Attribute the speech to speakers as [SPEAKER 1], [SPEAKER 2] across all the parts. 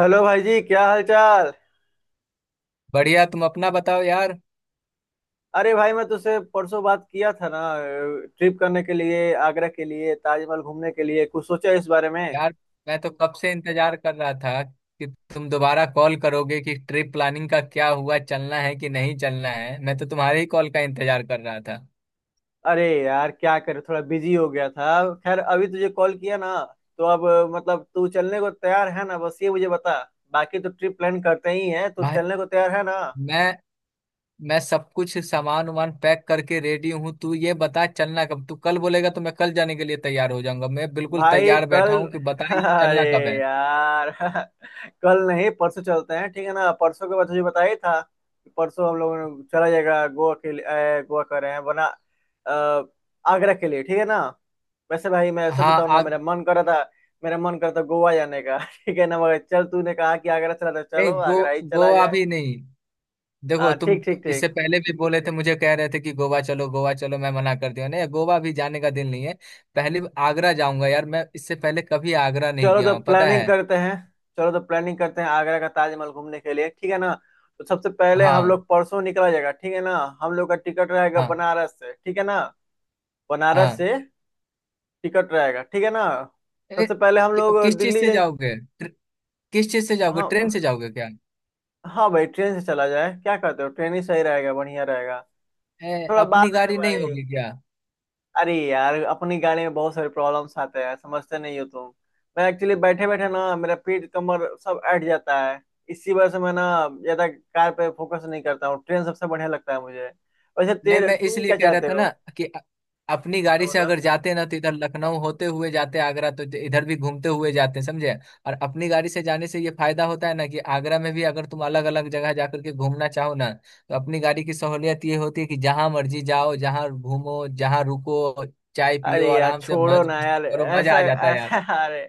[SPEAKER 1] Hello भाई जी, क्या हाल चाल।
[SPEAKER 2] बढ़िया, तुम अपना बताओ यार।
[SPEAKER 1] अरे भाई, मैं तुझसे परसों बात किया था ना, ट्रिप करने के लिए, आगरा के लिए, ताजमहल घूमने के लिए। कुछ सोचा इस बारे में?
[SPEAKER 2] यार, मैं तो कब से इंतजार कर रहा था कि तुम दोबारा कॉल करोगे कि ट्रिप प्लानिंग का क्या हुआ, चलना है कि नहीं चलना है। मैं तो तुम्हारे ही कॉल का इंतजार कर रहा था
[SPEAKER 1] अरे यार, क्या करे, थोड़ा बिजी हो गया था। खैर अभी तुझे कॉल किया ना, तो अब, मतलब तू चलने को तैयार है ना, बस ये मुझे बता। बाकी तो ट्रिप प्लान करते ही है, तू
[SPEAKER 2] भाई।
[SPEAKER 1] चलने को तैयार है ना?
[SPEAKER 2] मैं मैं सब कुछ सामान वामान पैक करके रेडी हूँ। तू ये बता चलना कब, तू कल बोलेगा तो मैं कल जाने के लिए तैयार हो जाऊंगा। मैं बिल्कुल
[SPEAKER 1] भाई
[SPEAKER 2] तैयार बैठा
[SPEAKER 1] कल
[SPEAKER 2] हूँ कि बता ये
[SPEAKER 1] अरे
[SPEAKER 2] चलना कब है।
[SPEAKER 1] यार कल नहीं परसों चलते हैं, ठीक है ना। परसों के बाद तुझे बताया ही था कि परसों हम लोगों ने चला जाएगा। गोवा के लिए गोवा कर रहे हैं, वरना अ, आगरा के लिए, ठीक है ना। वैसे भाई मैं सच
[SPEAKER 2] हाँ
[SPEAKER 1] बताऊं ना,
[SPEAKER 2] आग
[SPEAKER 1] मेरा मन कर रहा था, मेरा मन कर रहा था गोवा जाने का ठीक है ना, मगर चल तूने कहा कि आगरा चला था,
[SPEAKER 2] नहीं
[SPEAKER 1] चलो
[SPEAKER 2] गो
[SPEAKER 1] आगरा ही चला
[SPEAKER 2] गोवा
[SPEAKER 1] जाए।
[SPEAKER 2] भी नहीं। देखो
[SPEAKER 1] हाँ
[SPEAKER 2] तुम
[SPEAKER 1] ठीक ठीक ठीक।
[SPEAKER 2] इससे पहले भी बोले थे, मुझे कह रहे थे कि गोवा चलो गोवा चलो, मैं मना कर दिया, नहीं, गोवा भी जाने का दिल नहीं है। पहले आगरा जाऊंगा यार, मैं इससे पहले कभी आगरा नहीं
[SPEAKER 1] चलो
[SPEAKER 2] गया
[SPEAKER 1] तो
[SPEAKER 2] हूँ, पता
[SPEAKER 1] प्लानिंग
[SPEAKER 2] है।
[SPEAKER 1] करते हैं। चलो तो प्लानिंग करते हैं आगरा का, ताजमहल घूमने के लिए, ठीक है ना। तो सबसे पहले हम
[SPEAKER 2] हाँ।
[SPEAKER 1] लोग परसों निकला जाएगा, ठीक है ना। हम लोग का टिकट रहेगा
[SPEAKER 2] हाँ।
[SPEAKER 1] बनारस से, ठीक है ना। बनारस
[SPEAKER 2] हाँ।
[SPEAKER 1] से टिकट रहेगा, ठीक है ना।
[SPEAKER 2] ए,
[SPEAKER 1] सबसे पहले हम
[SPEAKER 2] कि,
[SPEAKER 1] लोग
[SPEAKER 2] किस चीज
[SPEAKER 1] दिल्ली
[SPEAKER 2] से
[SPEAKER 1] जाएंगे।
[SPEAKER 2] जाओगे, किस चीज से जाओगे, ट्रेन से
[SPEAKER 1] हाँ।
[SPEAKER 2] जाओगे क्या?
[SPEAKER 1] हाँ भाई, ट्रेन से चला जाए, क्या कहते हो? ट्रेन ही सही रहेगा, बढ़िया रहेगा। थोड़ा
[SPEAKER 2] अपनी
[SPEAKER 1] बात है ना
[SPEAKER 2] गाड़ी नहीं
[SPEAKER 1] भाई।
[SPEAKER 2] होगी क्या?
[SPEAKER 1] अरे यार अपनी गाड़ी में बहुत सारे प्रॉब्लम्स आते हैं, समझते नहीं हो तुम। मैं एक्चुअली बैठे बैठे ना मेरा पीठ कमर सब अट जाता है। इसी वजह से मैं ना ज्यादा कार पे फोकस नहीं करता हूँ, ट्रेन सबसे बढ़िया लगता है मुझे। वैसे
[SPEAKER 2] नहीं,
[SPEAKER 1] तेरे
[SPEAKER 2] मैं
[SPEAKER 1] तुम
[SPEAKER 2] इसलिए
[SPEAKER 1] क्या
[SPEAKER 2] कह रहा
[SPEAKER 1] चाहते
[SPEAKER 2] था
[SPEAKER 1] हो?
[SPEAKER 2] ना कि अपनी गाड़ी
[SPEAKER 1] तो
[SPEAKER 2] से
[SPEAKER 1] बताओ।
[SPEAKER 2] अगर जाते ना तो इधर लखनऊ होते हुए जाते आगरा, तो इधर भी घूमते हुए जाते, समझे। और अपनी गाड़ी से जाने से ये फायदा होता है ना कि आगरा में भी अगर तुम अलग अलग जगह जाकर के घूमना चाहो ना, तो अपनी गाड़ी की सहूलियत ये होती है कि जहां मर्जी जाओ, जहां घूमो, जहां रुको, चाय पियो,
[SPEAKER 1] अरे यार
[SPEAKER 2] आराम से
[SPEAKER 1] छोड़ो
[SPEAKER 2] मज
[SPEAKER 1] ना
[SPEAKER 2] मस्ती
[SPEAKER 1] यार,
[SPEAKER 2] करो, मजा
[SPEAKER 1] ऐसा
[SPEAKER 2] आ जाता है
[SPEAKER 1] ऐसा
[SPEAKER 2] यार।
[SPEAKER 1] अरे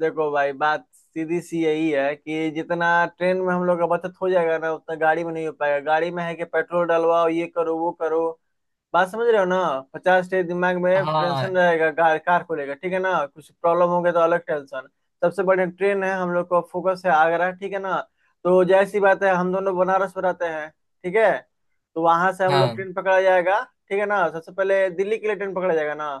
[SPEAKER 1] देखो भाई, बात सीधी सी यही है कि जितना ट्रेन में हम लोग का बचत हो जाएगा ना, उतना गाड़ी में नहीं हो पाएगा। गाड़ी में है कि पेट्रोल डलवाओ, ये करो, वो करो, बात समझ रहे हो ना। 50 टे दिमाग में
[SPEAKER 2] हाँ।
[SPEAKER 1] टेंशन रहेगा कार कार को लेकर, ठीक है ना। कुछ प्रॉब्लम हो गया तो अलग टेंशन। सबसे बड़ी ट्रेन है, हम लोग को फोकस है आगरा, ठीक है ना। तो जैसी बात है, हम दोनों बनारस में रहते हैं, ठीक है। तो वहां से हम लोग
[SPEAKER 2] हाँ।
[SPEAKER 1] ट्रेन पकड़ा जाएगा, ठीक है ना, सबसे पहले दिल्ली के लिए ट्रेन पकड़ा जाएगा ना।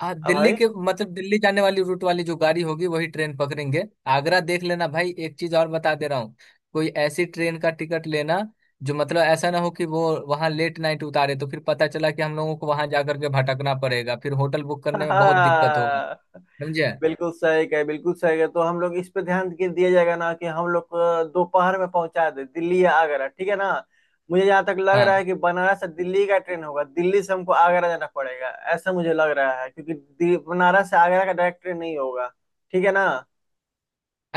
[SPEAKER 2] हाँ,
[SPEAKER 1] अब
[SPEAKER 2] दिल्ली
[SPEAKER 1] भाई
[SPEAKER 2] के मतलब दिल्ली जाने वाली रूट वाली जो गाड़ी होगी वही ट्रेन पकड़ेंगे। आगरा देख लेना भाई, एक चीज और बता दे रहा हूँ, कोई ऐसी ट्रेन का टिकट लेना जो मतलब ऐसा ना हो कि वो वहां लेट नाइट उतारे, तो फिर पता चला कि हम लोगों को वहां जाकर के भटकना पड़ेगा, फिर होटल बुक करने में बहुत दिक्कत होगा। समझे।
[SPEAKER 1] बिल्कुल सही कहे, बिल्कुल सही कहे। तो हम लोग इस पे ध्यान के दिया जाएगा ना कि हम लोग को दोपहर में पहुंचा दे दिल्ली या आगरा, ठीक है ना। मुझे जहाँ तक लग रहा
[SPEAKER 2] हाँ,
[SPEAKER 1] है कि बनारस से दिल्ली का ट्रेन होगा, दिल्ली से हमको आगरा जाना पड़ेगा, ऐसा मुझे लग रहा है, क्योंकि बनारस से आगरा का डायरेक्ट ट्रेन नहीं होगा, ठीक है ना।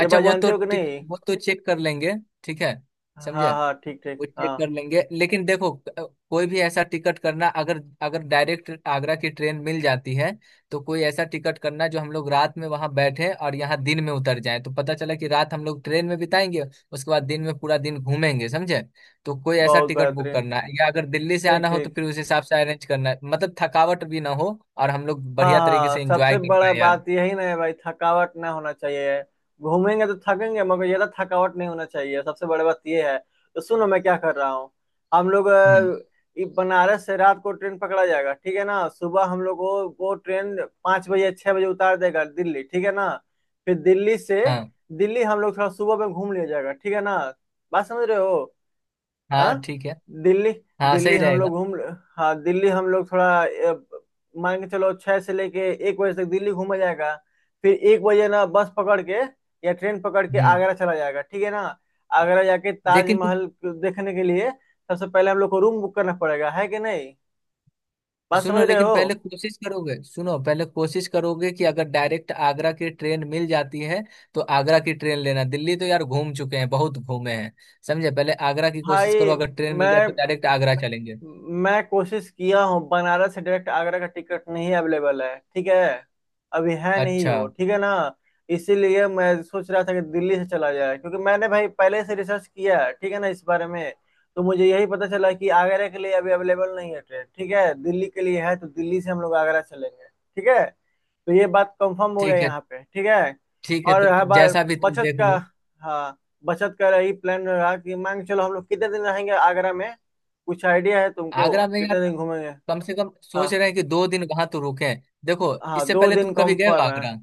[SPEAKER 1] ये बात जानते हो कि नहीं?
[SPEAKER 2] वो तो चेक कर लेंगे। ठीक है।
[SPEAKER 1] हाँ
[SPEAKER 2] समझे,
[SPEAKER 1] हाँ ठीक ठीक
[SPEAKER 2] वो चेक
[SPEAKER 1] हाँ।
[SPEAKER 2] कर लेंगे, लेकिन देखो कोई भी ऐसा टिकट करना, अगर अगर डायरेक्ट आगरा की ट्रेन मिल जाती है तो कोई ऐसा टिकट करना जो हम लोग रात में वहां बैठे और यहाँ दिन में उतर जाए, तो पता चला कि रात हम लोग ट्रेन में बिताएंगे, उसके बाद दिन में पूरा दिन घूमेंगे, समझे। तो कोई ऐसा
[SPEAKER 1] बहुत
[SPEAKER 2] टिकट बुक
[SPEAKER 1] बेहतरीन,
[SPEAKER 2] करना है, या अगर दिल्ली से
[SPEAKER 1] ठीक
[SPEAKER 2] आना हो तो
[SPEAKER 1] ठीक।
[SPEAKER 2] फिर उस हिसाब से अरेंज करना है, मतलब थकावट भी ना हो और हम लोग
[SPEAKER 1] हाँ
[SPEAKER 2] बढ़िया तरीके
[SPEAKER 1] हाँ,
[SPEAKER 2] से एंजॉय
[SPEAKER 1] सबसे
[SPEAKER 2] कर
[SPEAKER 1] बड़ा
[SPEAKER 2] पाए यार।
[SPEAKER 1] बात यही ना है भाई, थकावट ना होना चाहिए। घूमेंगे तो थकेंगे, मगर ज्यादा थकावट नहीं होना चाहिए, सबसे बड़ी बात ये है। तो सुनो मैं क्या कर रहा हूँ। हम लोग
[SPEAKER 2] हम्म।
[SPEAKER 1] बनारस से रात को ट्रेन पकड़ा जाएगा, ठीक है ना। सुबह हम लोग को वो ट्रेन 5 बजे 6 बजे उतार देगा दिल्ली, ठीक है ना। फिर दिल्ली से,
[SPEAKER 2] हाँ।
[SPEAKER 1] दिल्ली हम लोग थोड़ा सुबह में घूम लिया जाएगा, ठीक है ना। बात समझ रहे हो?
[SPEAKER 2] हाँ,
[SPEAKER 1] हाँ।
[SPEAKER 2] ठीक है।
[SPEAKER 1] दिल्ली
[SPEAKER 2] हाँ,
[SPEAKER 1] दिल्ली
[SPEAKER 2] सही
[SPEAKER 1] हम
[SPEAKER 2] रहेगा।
[SPEAKER 1] लोग घूम हाँ, दिल्ली हम लोग थोड़ा मान के चलो 6 से लेके 1 बजे तक दिल्ली घूमा जाएगा। फिर 1 बजे ना बस पकड़ के या ट्रेन पकड़ के
[SPEAKER 2] हम्म।
[SPEAKER 1] आगरा चला जाएगा, ठीक है ना। आगरा जाके
[SPEAKER 2] लेकिन
[SPEAKER 1] ताजमहल देखने के लिए सबसे पहले हम लोग को रूम बुक करना पड़ेगा, है कि नहीं? बात
[SPEAKER 2] सुनो,
[SPEAKER 1] समझ रहे
[SPEAKER 2] लेकिन
[SPEAKER 1] हो?
[SPEAKER 2] पहले कोशिश करोगे, सुनो पहले कोशिश करोगे कि अगर डायरेक्ट आगरा की ट्रेन मिल जाती है तो आगरा की ट्रेन लेना। दिल्ली तो यार घूम चुके हैं, बहुत घूमे हैं, समझे। पहले आगरा की
[SPEAKER 1] भाई
[SPEAKER 2] कोशिश करो, अगर ट्रेन मिल जाए तो
[SPEAKER 1] मैं
[SPEAKER 2] डायरेक्ट आगरा चलेंगे।
[SPEAKER 1] मैं कोशिश किया हूँ, बनारस से डायरेक्ट आगरा का टिकट नहीं अवेलेबल है, ठीक है। अभी है नहीं
[SPEAKER 2] अच्छा।
[SPEAKER 1] वो, ठीक है ना। इसीलिए मैं सोच रहा था कि दिल्ली से चला जाए, क्योंकि मैंने भाई पहले से रिसर्च किया है, ठीक है ना, इस बारे में। तो मुझे यही पता चला कि आगरा के लिए अभी अवेलेबल नहीं है ट्रेन, ठीक है। दिल्ली के लिए है, तो दिल्ली से हम लोग आगरा चलेंगे, ठीक है। तो ये बात कंफर्म हो गया
[SPEAKER 2] ठीक है।
[SPEAKER 1] यहाँ पे, ठीक है।
[SPEAKER 2] ठीक है
[SPEAKER 1] और
[SPEAKER 2] तो
[SPEAKER 1] हर बार
[SPEAKER 2] जैसा भी तुम
[SPEAKER 1] बचत
[SPEAKER 2] देख
[SPEAKER 1] का,
[SPEAKER 2] लो।
[SPEAKER 1] हाँ, बचत का यही प्लान रहा कि मान के चलो हम लोग कितने दिन रहेंगे आगरा में। कुछ आइडिया है तुमको,
[SPEAKER 2] आगरा में यार
[SPEAKER 1] कितने दिन घूमेंगे?
[SPEAKER 2] कम से कम
[SPEAKER 1] हाँ।
[SPEAKER 2] सोच रहे हैं कि 2 दिन वहां तो रुके। देखो
[SPEAKER 1] हाँ
[SPEAKER 2] इससे
[SPEAKER 1] दो
[SPEAKER 2] पहले
[SPEAKER 1] दिन
[SPEAKER 2] तुम कभी गए हो
[SPEAKER 1] कंफर्म है।
[SPEAKER 2] आगरा?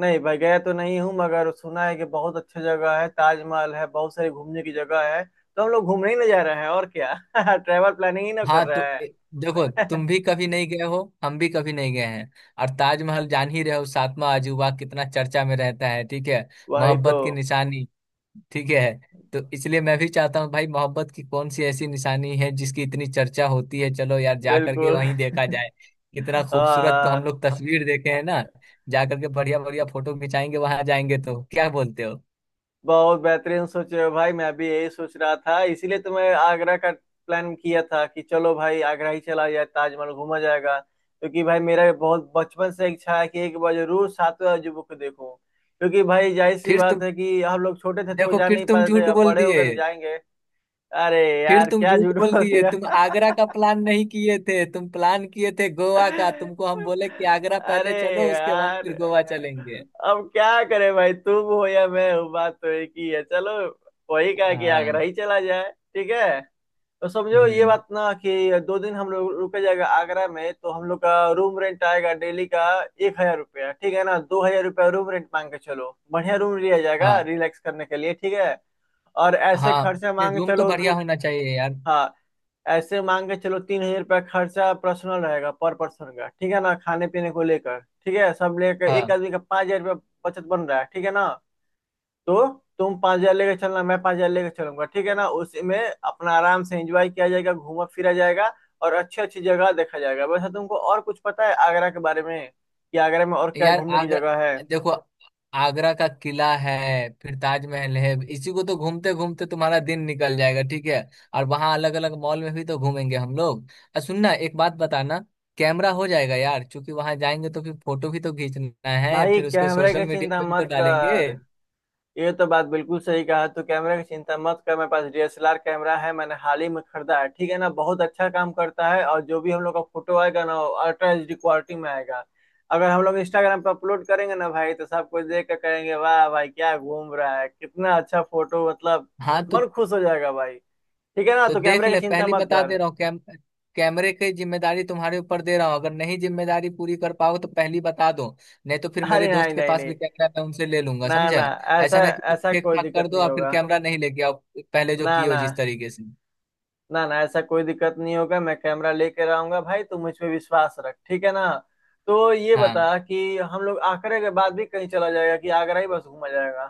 [SPEAKER 1] नहीं भाई गया तो नहीं हूँ, मगर सुना है कि बहुत अच्छी जगह है, ताजमहल है, बहुत सारी घूमने की जगह है, तो हम लोग घूमने ही ना जा रहे हैं और क्या ट्रैवल प्लानिंग ही ना कर
[SPEAKER 2] हाँ
[SPEAKER 1] रहे
[SPEAKER 2] तो देखो
[SPEAKER 1] हैं
[SPEAKER 2] तुम भी कभी नहीं गए हो, हम भी कभी नहीं गए हैं, और ताजमहल, जान ही रहे हो, सातवां अजूबा, कितना चर्चा में रहता है, ठीक है।
[SPEAKER 1] वही तो।
[SPEAKER 2] मोहब्बत की निशानी। ठीक है। तो इसलिए मैं भी चाहता हूँ भाई, मोहब्बत की कौन सी ऐसी निशानी है जिसकी इतनी चर्चा होती है, चलो यार जा करके
[SPEAKER 1] बिल्कुल
[SPEAKER 2] वहीं देखा जाए, कितना
[SPEAKER 1] हाँ
[SPEAKER 2] खूबसूरत। तो हम
[SPEAKER 1] हाँ,
[SPEAKER 2] लोग तस्वीर देखे हैं ना, जा करके बढ़िया बढ़िया फोटो खिंचाएंगे वहां, जाएंगे तो, क्या बोलते हो?
[SPEAKER 1] बहुत बेहतरीन सोचे हो भाई, मैं भी यही सोच रहा था, इसीलिए तो मैं आगरा का प्लान किया था कि चलो भाई आगरा ही चला जाए, ताजमहल घूमा जाएगा। क्योंकि भाई मेरा बहुत बचपन से इच्छा है कि एक बार जरूर सातवें अजूबे को देखूं। क्योंकि भाई जाहिर सी
[SPEAKER 2] फिर
[SPEAKER 1] बात
[SPEAKER 2] तुम,
[SPEAKER 1] है कि हम लोग छोटे थे तो
[SPEAKER 2] देखो
[SPEAKER 1] जा
[SPEAKER 2] फिर
[SPEAKER 1] नहीं
[SPEAKER 2] तुम
[SPEAKER 1] पाते थे,
[SPEAKER 2] झूठ
[SPEAKER 1] अब
[SPEAKER 2] बोल
[SPEAKER 1] बड़े हो
[SPEAKER 2] दिए।
[SPEAKER 1] गए तो जाएंगे। अरे
[SPEAKER 2] फिर
[SPEAKER 1] यार,
[SPEAKER 2] तुम
[SPEAKER 1] क्या
[SPEAKER 2] झूठ
[SPEAKER 1] झूठ
[SPEAKER 2] बोल
[SPEAKER 1] बोल
[SPEAKER 2] दिए,
[SPEAKER 1] दिया?
[SPEAKER 2] तुम आगरा का प्लान नहीं किए थे, तुम प्लान किए थे गोवा का, तुमको हम बोले कि आगरा
[SPEAKER 1] अरे
[SPEAKER 2] पहले चलो उसके बाद
[SPEAKER 1] यार,
[SPEAKER 2] फिर गोवा चलेंगे।
[SPEAKER 1] अब क्या करे भाई, तुम हो या मैं हूँ, बात तो एक ही है। चलो वही कहा कि आगरा
[SPEAKER 2] हाँ।
[SPEAKER 1] ही चला जाए, ठीक है। तो समझो ये
[SPEAKER 2] हम्म।
[SPEAKER 1] बात ना कि 2 दिन हम लोग रुके जाएगा आगरा में, तो हम लोग का रूम रेंट आएगा डेली का 1,000 रुपया, ठीक है ना। 2,000 रुपया रूम रेंट, मांग के चलो बढ़िया रूम लिया जाएगा
[SPEAKER 2] हाँ।
[SPEAKER 1] रिलैक्स करने के लिए, ठीक है। और ऐसे
[SPEAKER 2] हाँ,
[SPEAKER 1] खर्चा,
[SPEAKER 2] नहीं,
[SPEAKER 1] मांग के
[SPEAKER 2] रूम तो
[SPEAKER 1] चलो
[SPEAKER 2] बढ़िया
[SPEAKER 1] दो,
[SPEAKER 2] होना चाहिए यार।
[SPEAKER 1] हाँ, ऐसे मान के चलो 3,000 रुपया खर्चा पर्सनल रहेगा पर पर्सन का, ठीक है ना। खाने पीने को लेकर, ठीक है, सब लेकर एक
[SPEAKER 2] हाँ।
[SPEAKER 1] आदमी का 5,000 रुपया बचत बन रहा है, ठीक है ना। तो तुम 5,000 लेकर चलना, मैं 5,000 लेकर चलूंगा, ठीक है ना। उसी में अपना आराम से एंजॉय किया जाएगा, घूमा फिरा जाएगा, और अच्छी अच्छी जगह देखा जाएगा। वैसे तुमको और कुछ पता है आगरा के बारे में कि आगरा में और क्या
[SPEAKER 2] यार
[SPEAKER 1] घूमने की
[SPEAKER 2] आगरा,
[SPEAKER 1] जगह है?
[SPEAKER 2] देखो, आगरा का किला है, फिर ताजमहल है, इसी को तो घूमते घूमते तुम्हारा दिन निकल जाएगा, ठीक है। और वहां अलग अलग मॉल में भी तो घूमेंगे हम लोग। और सुनना, एक बात बताना, कैमरा हो जाएगा यार, क्योंकि वहां जाएंगे तो फिर फोटो भी तो खींचना है,
[SPEAKER 1] भाई
[SPEAKER 2] फिर उसको
[SPEAKER 1] कैमरे की
[SPEAKER 2] सोशल मीडिया
[SPEAKER 1] चिंता
[SPEAKER 2] पे भी तो
[SPEAKER 1] मत
[SPEAKER 2] डालेंगे।
[SPEAKER 1] कर। ये तो बात बिल्कुल सही कहा, तू कैमरे की चिंता मत कर, मेरे पास डीएसएलआर कैमरा है, मैंने हाल ही में खरीदा है, ठीक है ना, बहुत अच्छा काम करता है, और जो भी हम लोग का फोटो आएगा ना, अल्ट्रा HD क्वालिटी में आएगा। अगर हम लोग इंस्टाग्राम पर अपलोड करेंगे ना भाई, तो सब कुछ देख कर करेंगे, वाह भाई क्या घूम रहा है, कितना अच्छा फोटो, मतलब
[SPEAKER 2] हाँ तो
[SPEAKER 1] मन खुश हो जाएगा भाई, ठीक है ना,
[SPEAKER 2] तो
[SPEAKER 1] तो
[SPEAKER 2] देख
[SPEAKER 1] कैमरे की
[SPEAKER 2] ले,
[SPEAKER 1] चिंता
[SPEAKER 2] पहली
[SPEAKER 1] मत
[SPEAKER 2] बता
[SPEAKER 1] कर।
[SPEAKER 2] दे रहा हूँ, कैमरे की जिम्मेदारी तुम्हारे ऊपर दे रहा हूँ, अगर नहीं जिम्मेदारी पूरी कर पाओ तो पहली बता दो, नहीं तो फिर
[SPEAKER 1] अरे
[SPEAKER 2] मेरे दोस्त
[SPEAKER 1] नहीं
[SPEAKER 2] के
[SPEAKER 1] नहीं
[SPEAKER 2] पास
[SPEAKER 1] नहीं।
[SPEAKER 2] भी कैमरा, मैं उनसे ले लूंगा,
[SPEAKER 1] ना
[SPEAKER 2] समझे।
[SPEAKER 1] ना। ऐसा,
[SPEAKER 2] ऐसा ना कि
[SPEAKER 1] ऐसा
[SPEAKER 2] ठीक
[SPEAKER 1] कोई
[SPEAKER 2] ठाक
[SPEAKER 1] दिक्कत
[SPEAKER 2] कर दो
[SPEAKER 1] नहीं
[SPEAKER 2] और फिर
[SPEAKER 1] होगा।
[SPEAKER 2] कैमरा नहीं लेके आओ, पहले जो
[SPEAKER 1] ना
[SPEAKER 2] किए हो
[SPEAKER 1] ना,
[SPEAKER 2] जिस तरीके से।
[SPEAKER 1] ना ना, ऐसा कोई दिक्कत नहीं होगा, मैं कैमरा लेकर आऊंगा भाई, तू मुझ पे विश्वास रख, ठीक है ना। तो ये
[SPEAKER 2] हाँ,
[SPEAKER 1] बता कि हम लोग आगरा के बाद भी कहीं चला जाएगा कि आगरा ही बस घूमा जाएगा?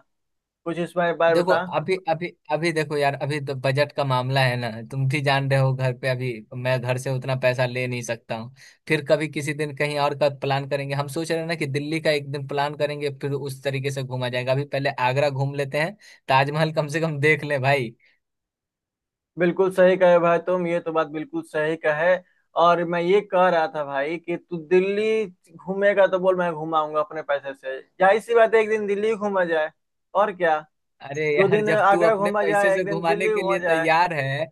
[SPEAKER 1] कुछ इस बारे बारे
[SPEAKER 2] देखो,
[SPEAKER 1] बता।
[SPEAKER 2] अभी अभी अभी देखो यार, अभी तो बजट का मामला है ना, तुम भी जान रहे हो, घर पे अभी मैं घर से उतना पैसा ले नहीं सकता हूँ। फिर कभी किसी दिन कहीं और का प्लान करेंगे, हम सोच रहे हैं ना कि दिल्ली का एक दिन प्लान करेंगे, फिर उस तरीके से घूमा जाएगा, अभी पहले आगरा घूम लेते हैं, ताजमहल कम से कम देख ले भाई।
[SPEAKER 1] बिल्कुल सही कहे भाई तुम, ये तो बात बिल्कुल सही कहे। और मैं ये कह रहा था भाई कि तू दिल्ली घूमेगा तो बोल, मैं घुमाऊंगा अपने पैसे से, जाहिर सी बात है, एक दिन दिल्ली घूमा जाए, और क्या।
[SPEAKER 2] अरे
[SPEAKER 1] दो
[SPEAKER 2] यार
[SPEAKER 1] दिन
[SPEAKER 2] जब तू
[SPEAKER 1] आगरा
[SPEAKER 2] अपने
[SPEAKER 1] घूमा
[SPEAKER 2] पैसे
[SPEAKER 1] जाए, एक
[SPEAKER 2] से
[SPEAKER 1] दिन
[SPEAKER 2] घुमाने
[SPEAKER 1] दिल्ली
[SPEAKER 2] के
[SPEAKER 1] घूमा
[SPEAKER 2] लिए तैयार है,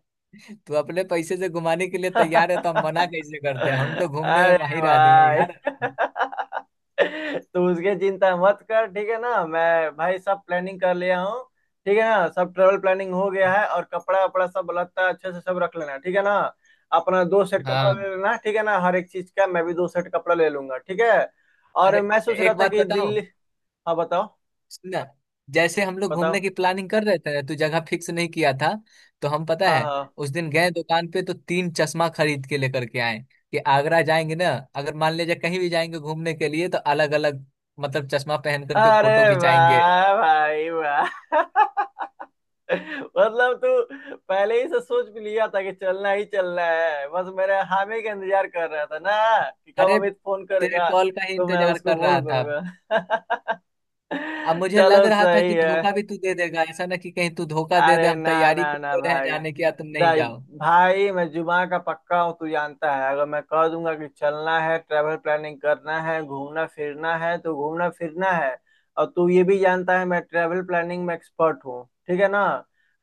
[SPEAKER 2] तू अपने पैसे से घुमाने के लिए तैयार है, तो हम मना
[SPEAKER 1] जाए
[SPEAKER 2] कैसे करते हैं, हम तो घूमने में
[SPEAKER 1] अरे
[SPEAKER 2] माहिर आदमी है
[SPEAKER 1] भाई
[SPEAKER 2] यार।
[SPEAKER 1] तू उसकी चिंता मत कर, ठीक है ना। मैं भाई सब प्लानिंग कर लिया हूँ, ठीक है ना। सब ट्रेवल प्लानिंग हो गया है, और कपड़ा वपड़ा सब लगता अच्छे से सब रख लेना, ठीक है ना। अपना 2 सेट कपड़ा
[SPEAKER 2] हाँ।
[SPEAKER 1] ले लेना, ठीक है ना, हर एक चीज का। मैं भी 2 सेट कपड़ा ले लूंगा, ठीक है। और
[SPEAKER 2] अरे,
[SPEAKER 1] मैं सोच रहा
[SPEAKER 2] एक
[SPEAKER 1] था
[SPEAKER 2] बात
[SPEAKER 1] कि
[SPEAKER 2] बताऊं,
[SPEAKER 1] दिल्ली। हाँ बताओ।
[SPEAKER 2] सुनना, जैसे हम लोग घूमने
[SPEAKER 1] बताओ।
[SPEAKER 2] की प्लानिंग कर रहे थे ना, तो जगह फिक्स नहीं किया था, तो हम, पता
[SPEAKER 1] हाँ
[SPEAKER 2] है,
[SPEAKER 1] हाँ,
[SPEAKER 2] उस दिन गए दुकान पे तो तीन चश्मा खरीद के लेकर के आए कि आगरा जाएंगे ना, अगर मान लीजिए कहीं भी जाएंगे घूमने के लिए तो अलग अलग, मतलब, चश्मा पहन करके
[SPEAKER 1] अरे
[SPEAKER 2] फोटो खिंचाएंगे।
[SPEAKER 1] वाह भाई वाह मतलब तू पहले ही से सोच भी लिया था कि चलना ही चलना है, बस मेरे हामी का इंतजार कर रहा था ना, कि कब
[SPEAKER 2] अरे,
[SPEAKER 1] अमित फोन
[SPEAKER 2] तेरे
[SPEAKER 1] करेगा,
[SPEAKER 2] कॉल का ही
[SPEAKER 1] तो मैं
[SPEAKER 2] इंतजार
[SPEAKER 1] उसको
[SPEAKER 2] कर
[SPEAKER 1] बोल
[SPEAKER 2] रहा था।
[SPEAKER 1] करूंगा।
[SPEAKER 2] अब मुझे लग
[SPEAKER 1] चलो
[SPEAKER 2] रहा था
[SPEAKER 1] सही
[SPEAKER 2] कि
[SPEAKER 1] है।
[SPEAKER 2] धोखा भी तू दे देगा, ऐसा ना कि कहीं तू धोखा दे दे,
[SPEAKER 1] अरे
[SPEAKER 2] हम
[SPEAKER 1] ना
[SPEAKER 2] तैयारी
[SPEAKER 1] ना ना
[SPEAKER 2] करते रहे
[SPEAKER 1] भाई।
[SPEAKER 2] जाने की या तुम नहीं
[SPEAKER 1] भाई,
[SPEAKER 2] जाओ।
[SPEAKER 1] भाई मैं जुमा का पक्का हूँ, तू जानता है, अगर मैं कह दूंगा कि चलना है, ट्रैवल प्लानिंग करना है, घूमना फिरना है, तो घूमना फिरना है। और तू ये भी जानता है मैं ट्रैवल प्लानिंग में एक्सपर्ट हूँ, ठीक है ना।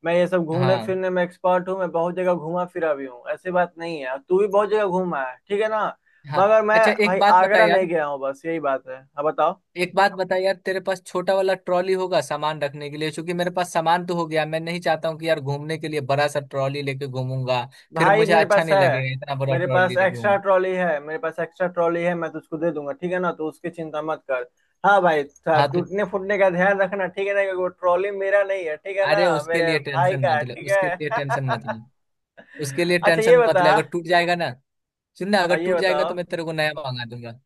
[SPEAKER 1] मैं ये सब घूमने
[SPEAKER 2] हाँ।
[SPEAKER 1] फिरने में एक्सपर्ट हूँ, मैं बहुत जगह घूमा फिरा भी हूँ, ऐसी बात नहीं है, और तू भी बहुत जगह घूमा है, ठीक है ना।
[SPEAKER 2] हाँ।
[SPEAKER 1] मगर मैं
[SPEAKER 2] अच्छा एक
[SPEAKER 1] भाई
[SPEAKER 2] बात बता
[SPEAKER 1] आगरा नहीं
[SPEAKER 2] यार,
[SPEAKER 1] गया हूँ, बस यही बात है, अब बताओ।
[SPEAKER 2] एक बात बता यार, तेरे पास छोटा वाला ट्रॉली होगा सामान रखने के लिए? क्योंकि मेरे पास सामान तो हो गया, मैं नहीं चाहता हूँ कि यार घूमने के लिए बड़ा सा ट्रॉली लेके घूमूंगा, फिर
[SPEAKER 1] भाई
[SPEAKER 2] मुझे
[SPEAKER 1] मेरे
[SPEAKER 2] अच्छा
[SPEAKER 1] पास
[SPEAKER 2] नहीं
[SPEAKER 1] है।
[SPEAKER 2] लगेगा इतना बड़ा
[SPEAKER 1] मेरे
[SPEAKER 2] ट्रॉली
[SPEAKER 1] पास
[SPEAKER 2] लेके
[SPEAKER 1] एक्स्ट्रा
[SPEAKER 2] घूम।
[SPEAKER 1] ट्रॉली है, मेरे पास एक्स्ट्रा ट्रॉली है, मैं तुझको दे दूंगा, ठीक है ना, तो उसकी चिंता मत कर। हाँ भाई,
[SPEAKER 2] हाँ तो,
[SPEAKER 1] टूटने फूटने का ध्यान रखना, ठीक है ना, क्योंकि वो ट्रॉली मेरा नहीं है, ठीक है
[SPEAKER 2] अरे
[SPEAKER 1] ना,
[SPEAKER 2] उसके
[SPEAKER 1] मेरे
[SPEAKER 2] लिए
[SPEAKER 1] भाई
[SPEAKER 2] टेंशन
[SPEAKER 1] का है,
[SPEAKER 2] मत ले,
[SPEAKER 1] ठीक
[SPEAKER 2] उसके
[SPEAKER 1] है।
[SPEAKER 2] लिए टेंशन मत ले, उसके लिए
[SPEAKER 1] अच्छा ये
[SPEAKER 2] टेंशन मत
[SPEAKER 1] बता।
[SPEAKER 2] ले। अगर टूट जाएगा ना, सुन ना, अगर
[SPEAKER 1] और ये
[SPEAKER 2] टूट जाएगा
[SPEAKER 1] बताओ।
[SPEAKER 2] तो मैं तेरे को नया मंगा दूंगा।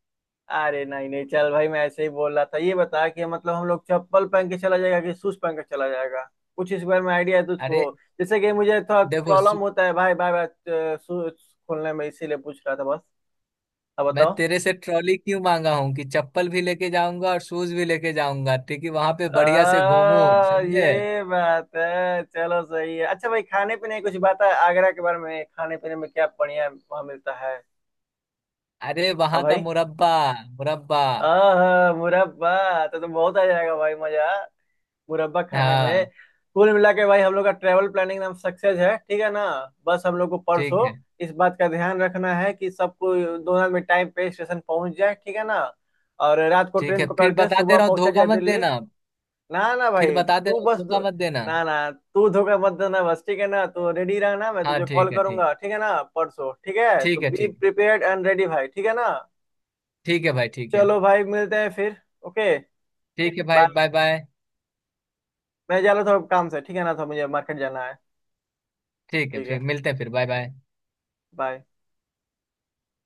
[SPEAKER 1] अरे नहीं नहीं, चल भाई, मैं ऐसे ही बोल रहा था। ये बता कि मतलब हम लोग चप्पल पहन के चला जाएगा कि शूज पहन के चला जाएगा, कुछ इस बारे में आइडिया है तुझको?
[SPEAKER 2] अरे,
[SPEAKER 1] जैसे कि मुझे थोड़ा
[SPEAKER 2] देखो
[SPEAKER 1] प्रॉब्लम
[SPEAKER 2] सु-
[SPEAKER 1] होता है भाई, बाय बाय। शूज खोलने में, इसीलिए पूछ रहा था बस। अब
[SPEAKER 2] मैं
[SPEAKER 1] बताओ।
[SPEAKER 2] तेरे से ट्रॉली क्यों मांगा हूँ कि चप्पल भी लेके जाऊंगा और शूज भी लेके जाऊंगा, ठीक है, वहां पे बढ़िया से घूमू, समझे।
[SPEAKER 1] ये बात है, चलो सही है। अच्छा भाई, खाने पीने की कुछ बात है आगरा के बारे में? खाने पीने में क्या बढ़िया वहाँ मिलता है?
[SPEAKER 2] अरे
[SPEAKER 1] हाँ
[SPEAKER 2] वहां का
[SPEAKER 1] भाई।
[SPEAKER 2] मुरब्बा, मुरब्बा।
[SPEAKER 1] आह, मुरब्बा तो बहुत आ जाएगा भाई मजा, मुरब्बा खाने में।
[SPEAKER 2] हाँ।
[SPEAKER 1] कुल मिला के भाई, हम लोग का ट्रेवल प्लानिंग एकदम सक्सेस है, ठीक है ना। बस हम लोग को
[SPEAKER 2] ठीक
[SPEAKER 1] परसों
[SPEAKER 2] है।
[SPEAKER 1] इस बात का ध्यान रखना है कि सबको, दोनों में टाइम पे स्टेशन पहुंच जाए, ठीक है ना। और रात को
[SPEAKER 2] ठीक है।
[SPEAKER 1] ट्रेन पकड़
[SPEAKER 2] फिर
[SPEAKER 1] के
[SPEAKER 2] बता दे
[SPEAKER 1] सुबह
[SPEAKER 2] रहा हूँ,
[SPEAKER 1] पहुंचा
[SPEAKER 2] धोखा
[SPEAKER 1] जाए
[SPEAKER 2] मत
[SPEAKER 1] दिल्ली।
[SPEAKER 2] देना।
[SPEAKER 1] ना ना
[SPEAKER 2] फिर
[SPEAKER 1] भाई,
[SPEAKER 2] बता दे
[SPEAKER 1] तू
[SPEAKER 2] रहा हूँ,
[SPEAKER 1] बस
[SPEAKER 2] धोखा मत देना।
[SPEAKER 1] ना ना, तू धोखा मत देना बस, ठीक है ना। तो रेडी रहना, मैं
[SPEAKER 2] हाँ
[SPEAKER 1] तुझे कॉल
[SPEAKER 2] ठीक है, ठीक।
[SPEAKER 1] करूंगा, ठीक है ना, परसों, ठीक है। तो
[SPEAKER 2] ठीक है,
[SPEAKER 1] बी
[SPEAKER 2] ठीक।
[SPEAKER 1] प्रिपेयर्ड एंड रेडी भाई, ठीक है ना।
[SPEAKER 2] ठीक है भाई, ठीक है।
[SPEAKER 1] चलो भाई, मिलते हैं फिर। ओके,
[SPEAKER 2] ठीक है भाई,
[SPEAKER 1] बाय।
[SPEAKER 2] Bye bye.
[SPEAKER 1] मैं जा रहा था काम से, ठीक है ना, तो मुझे मार्केट जाना है।
[SPEAKER 2] ठीक है,
[SPEAKER 1] ठीक है,
[SPEAKER 2] फिर मिलते हैं फिर, बाय बाय।
[SPEAKER 1] बाय।